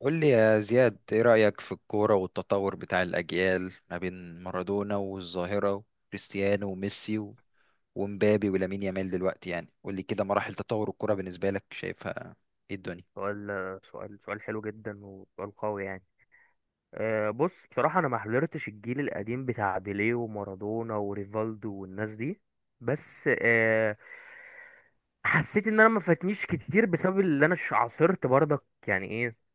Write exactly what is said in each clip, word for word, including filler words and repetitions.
قول لي يا زياد، ايه رأيك في الكورة والتطور بتاع الأجيال ما بين مارادونا والظاهرة وكريستيانو وميسي و- ومبابي ولامين يامال دلوقتي؟ يعني قول لي كده مراحل تطور الكورة بالنسبة لك شايفها ايه الدنيا. سؤال سؤال سؤال حلو جدا، وسؤال قوي يعني. أه بص، بصراحة أنا ما حضرتش الجيل القديم بتاع بيليه ومارادونا وريفالدو والناس دي. بس أه حسيت إن أنا ما فاتنيش كتير بسبب اللي أنا ش- عاصرت، برضك يعني إيه؟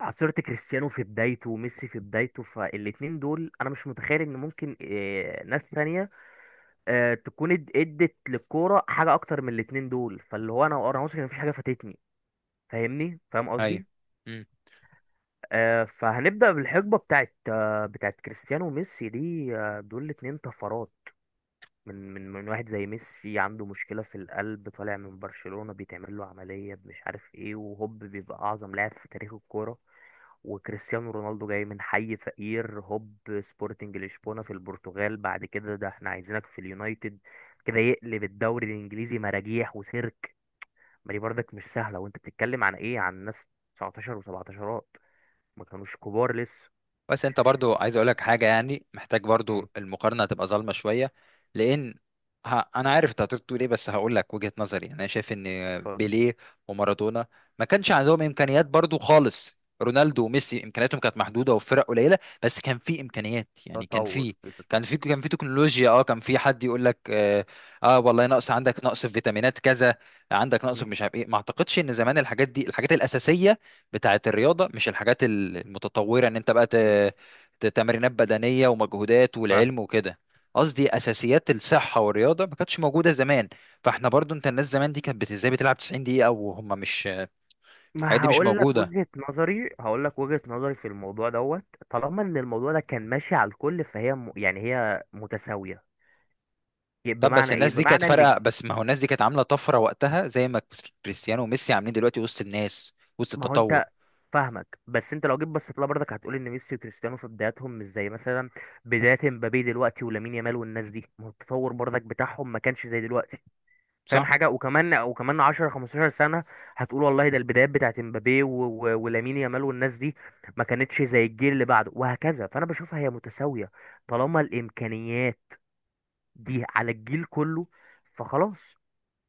عاصرت كريستيانو في بدايته وميسي في بدايته، فالاتنين دول أنا مش متخيل إن ممكن أه ناس تانية أه تكون اد- ادت للكورة حاجة أكتر من الاتنين دول. فاللي هو أنا أنا واثق إن مفيش حاجة فاتتني، فاهمني، فاهم ايوه، قصدي؟ آه، فهنبدأ بالحقبة بتاعت آه، بتاعت كريستيانو وميسي دي. آه، دول الاتنين طفرات. من من من واحد زي ميسي عنده مشكلة في القلب، طالع من برشلونة بيتعمل له عملية مش عارف ايه، وهوب بيبقى أعظم لاعب في تاريخ الكورة. وكريستيانو رونالدو جاي من حي فقير، هوب سبورتنج لشبونة في البرتغال، بعد كده ده احنا عايزينك في اليونايتد، كده يقلب الدوري الإنجليزي مراجيح وسيرك. ما دي برضك مش سهلة، وانت بتتكلم عن ايه؟ عن ناس تسعتاشر و17، ما كانوش كبار لسه. بس انت برضو عايز اقولك حاجه، يعني محتاج برضو المقارنه تبقى ظالمه شويه، لان ه... انا عارف انت هتقول ايه بس هقول لك وجهه نظري. يعني انا شايف ان بيليه ومارادونا ما كانش عندهم امكانيات. برضو خالص رونالدو وميسي امكانياتهم كانت محدوده وفرق قليله، بس كان في امكانيات. يعني كان فتطور في في كان تطور. في كان في تكنولوجيا، اه كان في حد يقول لك اه, آه والله نقص عندك، نقص في فيتامينات كذا، عندك نقص في مم. مش عارف ايه. ما اعتقدش ان زمان الحاجات دي الحاجات الاساسيه بتاعة الرياضة، مش الحاجات المتطورة ان انت بقى مم. ت- ت- تمرينات بدنية ومجهودات فاهم. والعلم وكده. قصدي اساسيات الصحة والرياضة ما كانتش موجودة زمان. فاحنا برضو انت الناس زمان دي كانت بت- ازاي بتلعب تسعين دقيقة وهم مش الحاجات ما دي مش هقول لك موجودة. وجهة نظري هقول لك وجهة نظري في الموضوع دوت. طالما ان الموضوع ده كان ماشي على الكل، فهي م... يعني هي متساوية. ي- طب بس بمعنى ايه؟ الناس دي كانت بمعنى ان ج- فارقة، بس ما هو الناس دي كانت عاملة طفرة وقتها زي ما كريستيانو وميسي عاملين دلوقتي وسط الناس وسط ما هو انت، التطور. فاهمك، بس انت لو جيت بصيت لها برضك هتقول ان ميسي وكريستيانو في بداياتهم مش زي مثلا بداية مبابي دلوقتي ولامين يامال والناس دي، ما هو التطور برضك بتاعهم ما كانش زي دلوقتي. فاهم صح. حاجه؟ وكمان وكمان عشرة خمسة عشر سنه هتقول والله ده البدايات بتاعت امبابي و- و- ولامين يامال والناس دي، ما كانتش زي الجيل اللي بعده وهكذا، فانا بشوفها هي متساويه طالما الامكانيات دي على الجيل كله، فخلاص،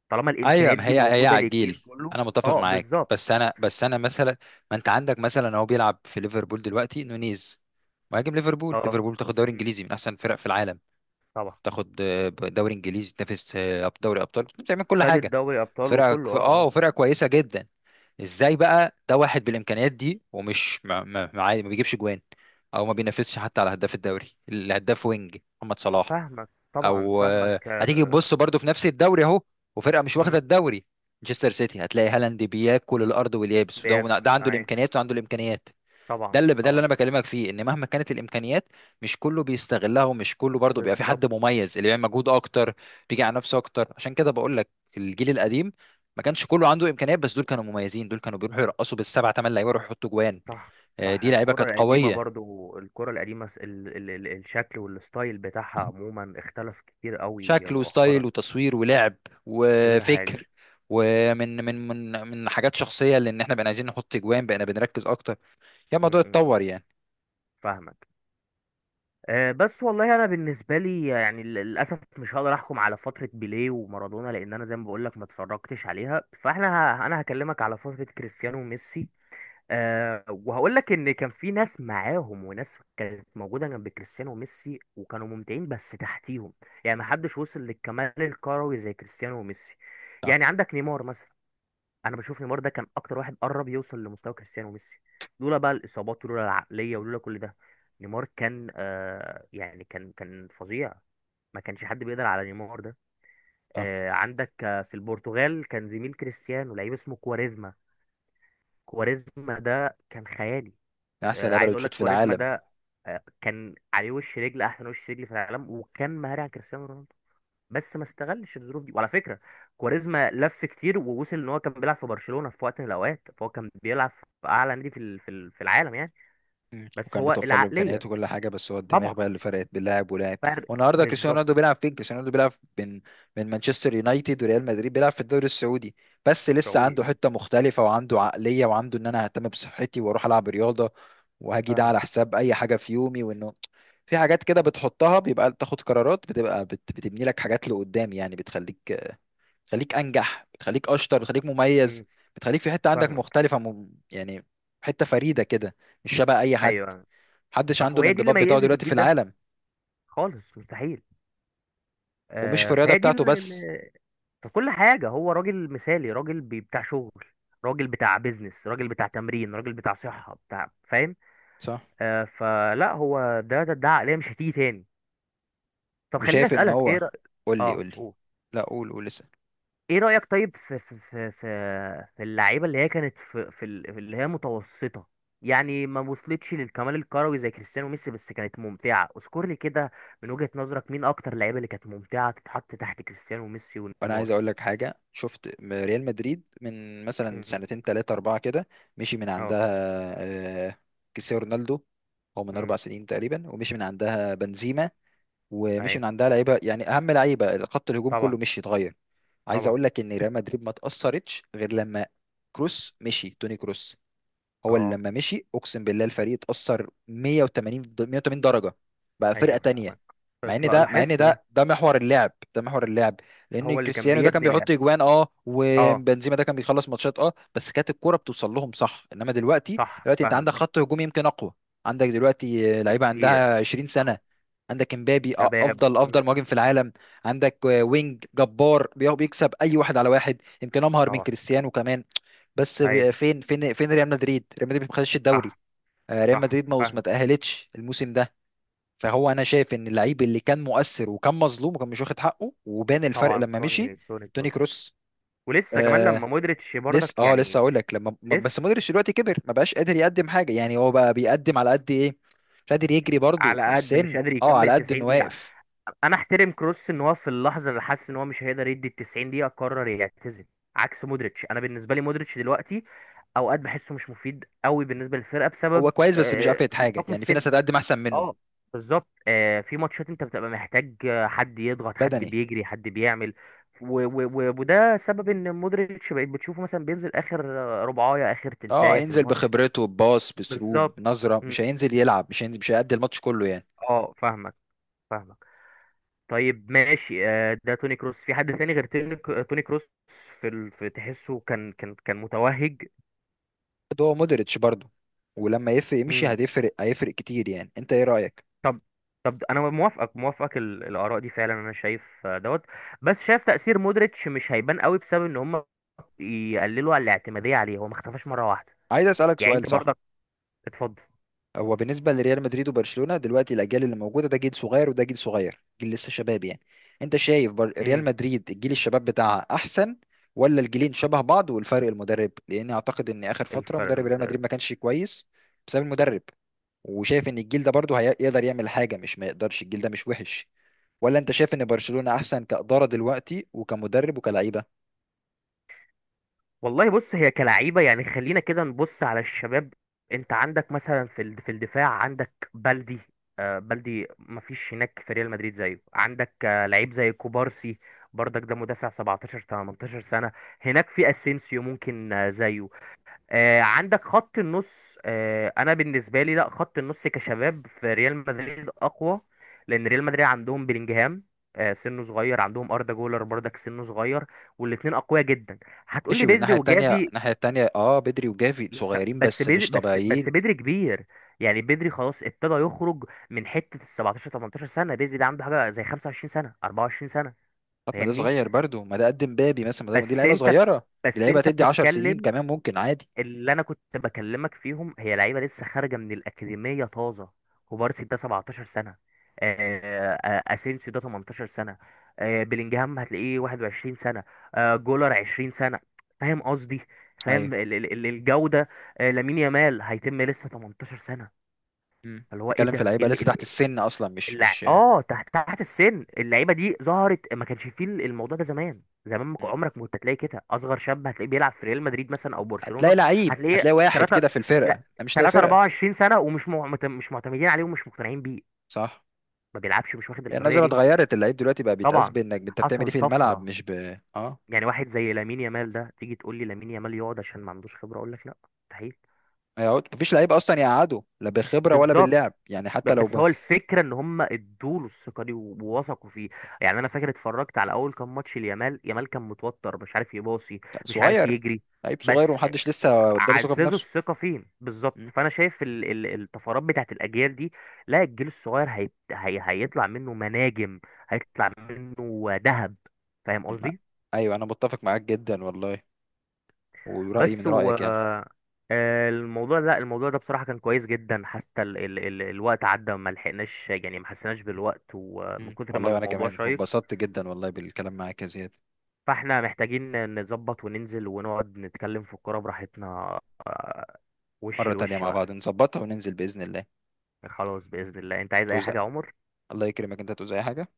طالما ايوه الامكانيات ما دي هي هي موجوده للجيل عجيل. كله. انا متفق اه، معاك، بالظبط. بس انا بس انا مثلا، ما انت عندك مثلا هو بيلعب في ليفربول دلوقتي نونيز، مهاجم ليفربول. اه، ليفربول تاخد دوري م، انجليزي من احسن الفرق في العالم، طبعا. تاخد آه، دوري انجليزي، تنافس آه، أب- دوري ابطال، بتعمل كل خدت حاجه. دوري ابطال وكله. فرقك اه، اه اه. وفرقه كويسه جدا. ازاي بقى ده واحد بالامكانيات دي ومش ما, ما, ما عادي- ما بيجيبش جوان، او ما بينافسش حتى على هداف الدوري، الهداف وينج محمد صلاح. فاهمك، طبعا او آه، فاهمك. هتيجي آه، تبص برضو في نفس الدوري اهو، وفرقه مش واخده م، الدوري، مانشستر سيتي، هتلاقي هالاند بياكل الارض واليابس، وده بياكل ده عنده اي؟ الامكانيات وعنده الامكانيات. ده طبعا، اللي ده اللي طبعا. انا بكلمك فيه، ان مهما كانت الامكانيات مش كله بيستغلها، ومش كله برضو بيبقى في حد بالظبط. مميز. اللي بيعمل مجهود اكتر بيجي على نفسه اكتر، عشان كده بقول لك الجيل القديم ما كانش كله عنده امكانيات، بس دول كانوا مميزين، دول كانوا بيروحوا يرقصوا بالسبع ثمان لعيبه يروحوا يحطوا جوان. صح. آه، صح، دي لعيبه كانت الكرة القديمة، قويه. برضو الكرة القديمة، س- ال ال ال الشكل والستايل بتاعها عموما اختلف كتير قوي شكل وستايل مؤخرا. وتصوير ولعب كل حاجة. وفكر، ومن من من من حاجات شخصيه لان احنا بقينا عايزين نحط اجوان، بقينا بنركز اكتر يا م- الموضوع م- م. اتطور يعني. فاهمك. آه، بس والله انا بالنسبة لي يعني لل- للأسف مش هقدر احكم على فترة بيليه ومارادونا، لان انا زي ما بقولك ما اتفرجتش عليها. فاحنا ه- انا هكلمك على فترة كريستيانو وميسي. أه وهقول لك ان كان في ناس معاهم، وناس كانت موجوده جنب كريستيانو وميسي وكانوا ممتعين بس تحتيهم. يعني ما حدش وصل للكمال الكروي زي كريستيانو وميسي. صح. يعني عندك نيمار مثلا، انا بشوف نيمار ده كان اكتر واحد قرب يوصل لمستوى كريستيانو وميسي، لولا بقى الاصابات ولولا العقليه ولولا كل ده. نيمار كان أه يعني كان كان فظيع، ما كانش حد بيقدر على نيمار ده. صح، أه عندك آه، في البرتغال كان زميل كريستيانو لعيب اسمه كواريزما. كواريزما ده كان خيالي. من احسن آه، لعيبه عايز اللي اقول بتشوط لك في كواريزما العالم. ده آه، كان عليه وش رجل، احسن وش رجل في العالم، وكان مهاري على كريستيانو رونالدو. بس ما استغلش الظروف دي. وعلى فكره، كواريزما لف كتير، ووصل ان هو كان بيلعب في برشلونه في وقت من الاوقات، فهو كان بيلعب في اعلى نادي في ال- في ال- في العالم يعني. مم. بس وكان هو متوفر له العقليه، امكانيات وكل حاجه، بس هو الدماغ طبعا بقى اللي فرقت بين لاعب ولاعب. فرق. والنهارده كريستيانو بالظبط. رونالدو بيلعب فين؟ كريستيانو رونالدو بيلعب من من مانشستر يونايتد وريال مدريد بيلعب في الدوري السعودي، بس لسه السعودي. عنده حته مختلفه وعنده عقليه وعنده ان انا ههتم بصحتي واروح العب رياضه وهاجي ده على فاهمك. حساب اي حاجه في يومي. وانه في حاجات كده بتحطها بيبقى تاخد قرارات بتبقى بت... بتبني لك حاجات لقدام. يعني بتخليك بتخليك انجح، بتخليك اشطر، بتخليك مميز، مم، بتخليك في حته عندك فاهمك. مختلفه م... يعني حته فريده كده، مش شبه اي حد. ايوه، محدش صح، عنده وهي دي اللي الانضباط بتاعه ميزت دلوقتي في الجيل ده، العالم، خالص، مستحيل. ومش في آه، الرياضة فهي دي بتاعته بس. في كل حاجة. هو راجل مثالي، راجل بي- بتاع شغل، راجل بتاع بيزنس، راجل بتاع تمرين، راجل بتاع صحة، بتاع، فاهم. صح. آه فلا، هو ده ده, ده عقلية مش هتيجي تاني. طب خليني وشايف ان أسألك، هو، ايه رأيك. قول لي اه، قول لي. قول. لا قول قول لسه. ايه رأيك طيب في في في في, في اللعيبة اللي هي كانت في في ال- في اللي هي متوسطة، يعني ما وصلتش للكمال الكروي زي كريستيانو وميسي بس كانت ممتعة. اذكر لي كده من وجهة نظرك، مين اكتر لعيبة اللي كانت ممتعة تتحط تحت كريستيانو وميسي وانا عايز ونيمار؟ اقول لك حاجة، شفت م- ريال مدريد من مثلا مم. سنتين تلاتة اربعة كده مشي من اه. عندها آه، كريستيانو رونالدو، هو من مم. اربع سنين تقريبا، ومشي من عندها بنزيما، ومشي ايوه. من عندها لعيبه، يعني اهم لعيبه خط الهجوم طبعا، كله مشي اتغير. عايز طبعا. اقول لك ان ريال مدريد ما تاثرتش غير لما كروس مشي، توني كروس هو اللي اه، لما مشي اقسم بالله الفريق اتأثر مية وتمانين د- مية وتمانين درجة، بقى فرقة ايوه، تانية. فاهمك. طيب، مع ان لا- ده مع ان لاحظت ده. ده ده محور اللعب، ده محور اللعب، لان هو اللي كان كريستيانو ده كان بيبني لعب. بيحط اجوان اه، اه، وبنزيما ده كان بيخلص ماتشات اه، بس كانت الكرة بتوصل لهم صح. انما دلوقتي، صح، دلوقتي انت عندك فاهمك. خط هجوم يمكن اقوى، عندك دلوقتي آه، لعيبة كتير، عندها عشرين سنة، طبعا. عندك امبابي آه، شباب. افضل مم، افضل مهاجم في العالم، عندك آه، وينج جبار بي- بيكسب اي واحد على واحد يمكن امهر من طبعا. كريستيانو كمان، بس ايوه، ب- فين فين فين ريال مدريد؟ ريال مدريد ما خدش الدوري، صح، آه، ريال صح، مدريد ما ما فاهمك، تأهلتش الموسم ده. فهو انا شايف ان اللعيب اللي كان مؤثر وكان مظلوم وكان مش واخد حقه وبان الفرق طبعا. لما مشي توني توني توني كروس. كروس. ولسه كمان آه لما مودريتش لسه برضك اه لسه يعني، اقول لك لما ما- بس لسه، مودريتش دلوقتي كبر، ما بقاش قادر يقدم حاجه، يعني هو بقى بيقدم على قد ايه، مش قادر يجري برضه، على قد مش السن قادر اه، على يكمل قد تسعين انه دقيقة. واقف. انا احترم كروس ان هو في اللحظة اللي حس ان هو مش هيقدر يدي ال تسعين دقيقة قرر يعتزل، عكس مودريتش. انا بالنسبة لي مودريتش دلوقتي اوقات بحسه مش مفيد قوي بالنسبه للفرقه هو بسبب كويس بس مش آه، قافلة حاجه، الحكم يعني في السني. ناس هتقدم احسن منه. اه، بالظبط. آه في ماتشات انت بتبقى محتاج آه، حد يضغط، حد بدني. بيجري، حد بيعمل. و و و وده سبب ان مودريتش بقيت بتشوفه مثلا بينزل اخر آه، ربعايه، اخر اه تلتايه في هينزل الماتش. بخبرته، بباص، بسروب، بالظبط. بنظره، مش مم. هينزل يلعب، مش هينزل، مش هيأدي الماتش كله يعني. اه، فاهمك، فاهمك. طيب ماشي، آه ده توني كروس. في حد تاني غير توني؟ توني كروس في, ال... في تحسه كان كان كان متوهج. ده هو مودريتش برضه، ولما يفرق يمشي مم. هتفرق، هيفرق كتير يعني، انت ايه رأيك؟ طب طب انا موافقك موافقك ال- الاراء دي فعلا. انا شايف آه، دوت. بس شايف تأثير مودريتش مش هيبان قوي بسبب ان هم يقللوا على الاعتمادية عليه، هو ما اختفاش مرة واحدة. عايز اسألك يعني انت سؤال، صح. برضك. اتفضل. هو بالنسبة لريال مدريد وبرشلونة دلوقتي، الأجيال اللي موجودة ده جيل صغير وده جيل صغير، جيل لسه شباب يعني. أنت شايف بر... ريال امم مدريد الجيل الشباب بتاعها أحسن، ولا الجيلين شبه بعض والفرق المدرب؟ لأني أعتقد إن آخر فترة الفرق مدرب ريال مدريد المدرب. ما كانش كويس، بسبب المدرب. وشايف إن الجيل ده برضه هيقدر يعمل حاجة مش ما يقدرش، الجيل ده مش وحش، ولا انت شايف ان برشلونة احسن كإدارة دلوقتي وكمدرب وكلعيبة؟ والله بص، هي كلعيبة يعني، خلينا كده نبص على الشباب. انت عندك مثلا في الد- في الدفاع عندك بلدي. آه بلدي ما فيش هناك في ريال مدريد زيه. عندك آه لعيب زي كوبارسي، برضك ده مدافع سبعتاشر تمنتاشر سنة. هناك في اسينسيو ممكن آه زيه. آه، عندك خط النص. آه، انا بالنسبه لي، لا، خط النص كشباب في ريال مدريد اقوى، لان ريال مدريد عندهم بلينجهام، آه، سنه صغير، عندهم اردا جولر برضك، سنه صغير، والاثنين اقوياء جدا. هتقول ماشي، لي بدري والناحية التانية، وجافي. الناحية التانية اه بدري وجافي لسه، صغيرين بس بس بدري، مش بس بس طبيعيين. بدري كبير، يعني بدري خلاص ابتدى يخرج من حته ال سبعتاشر تمنتاشر سنه، بدري ده عنده حاجه زي خمسة وعشرين سنه اربعة وعشرين سنه. طب ما ده فاهمني. صغير برضه، ما ده قد مبابي مثلا، ما ده- دي بس لعيبة انت صغيرة، دي بس لعيبة انت تدي عشر سنين بتتكلم. كمان ممكن عادي. اللي انا كنت بكلمك فيهم هي لعيبه لسه خارجه من الاكاديميه طازه، كوبارسي ده سبعتاشر سنه. مم. آه، آه، آه، اسينسيو ده تمنتاشر سنه. آه، بلينجهام هتلاقيه واحد وعشرين سنه. آه، جولر عشرين سنه. فاهم قصدي؟ فاهم ايوه. ال- ال- ال- الجوده. آه، لامين يامال هيتم لسه تمنتاشر سنه. مم. اللي هو ايه بتتكلم في ده لعيبة لسه تحت ايه؟ السن اصلا، مش الع... مش. اه، تحت تحت السن. اللعيبه دي ظهرت، ما كانش فيه الموضوع ده زمان، زمان ما كان- مم. عمرك ما كنت هتلاقي كده اصغر شاب هتلاقيه بيلعب في ريال مدريد مثلا او برشلونه. هتلاقي لعيب، هتلاقيه هتلاقي واحد تلاتة. كده في الفرقة، لا، انا مش لاقي تلاتة فرقة. اربعة وعشرين سنه، ومش معتم... مش معتمدين عليه ومش مقتنعين بيه. صح. ما بيلعبش، مش واخد هي الحريه النظرة دي. اتغيرت، اللعيب دلوقتي بقى بيتقاس طبعا، بانك انت بتعمل ايه حصل في الملعب، طفره. مش ب اه يعني واحد زي لامين يامال ده، تيجي تقول لي لامين يامال يقعد عشان ما عندوش خبره؟ اقول لك لا، مستحيل. هيقعد. مفيش لعيب اصلا يقعده، لا بخبره ولا بالظبط. باللعب يعني، ب- حتى لو بس ب... هو الفكرة ان هم ادوله الثقة دي و- ووثقوا فيه. يعني انا فاكر اتفرجت على اول كام ماتش ليامال، يامال كان متوتر مش عارف يباصي، كان مش عارف صغير، يجري. لعيب صغير بس ومحدش لسه اداله ثقه عززوا بنفسه. الثقة فين بالظبط، مم. فانا شايف ال- ال- الطفرات بتاعت الاجيال دي. لا، الجيل الصغير هيت- هي هيطلع منه مناجم، هيطلع منه ذهب. فاهم مم. قصدي؟ ايوه انا متفق معاك جدا والله، ورايي بس من و رايك يعني. آه، الموضوع، لا الموضوع ده بصراحة كان كويس جدا، حتى ال... ال... ال... الوقت عدى وما لحقناش، يعني ما حسيناش بالوقت ومن مم. كتر ما والله وانا الموضوع كمان شيق. واتبسطت جدا والله بالكلام معاك يا زياد. فاحنا محتاجين نظبط وننزل ونقعد نتكلم في الكورة براحتنا. آه، وش مره تانية لوش مع بقى. بعض نظبطها وننزل باذن الله. خلاص بإذن الله. انت عايز اي توزع، حاجة يا عمر؟ الله يكرمك انت، توزع أي حاجه.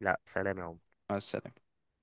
لا، سلام يا عمر. مع السلامه.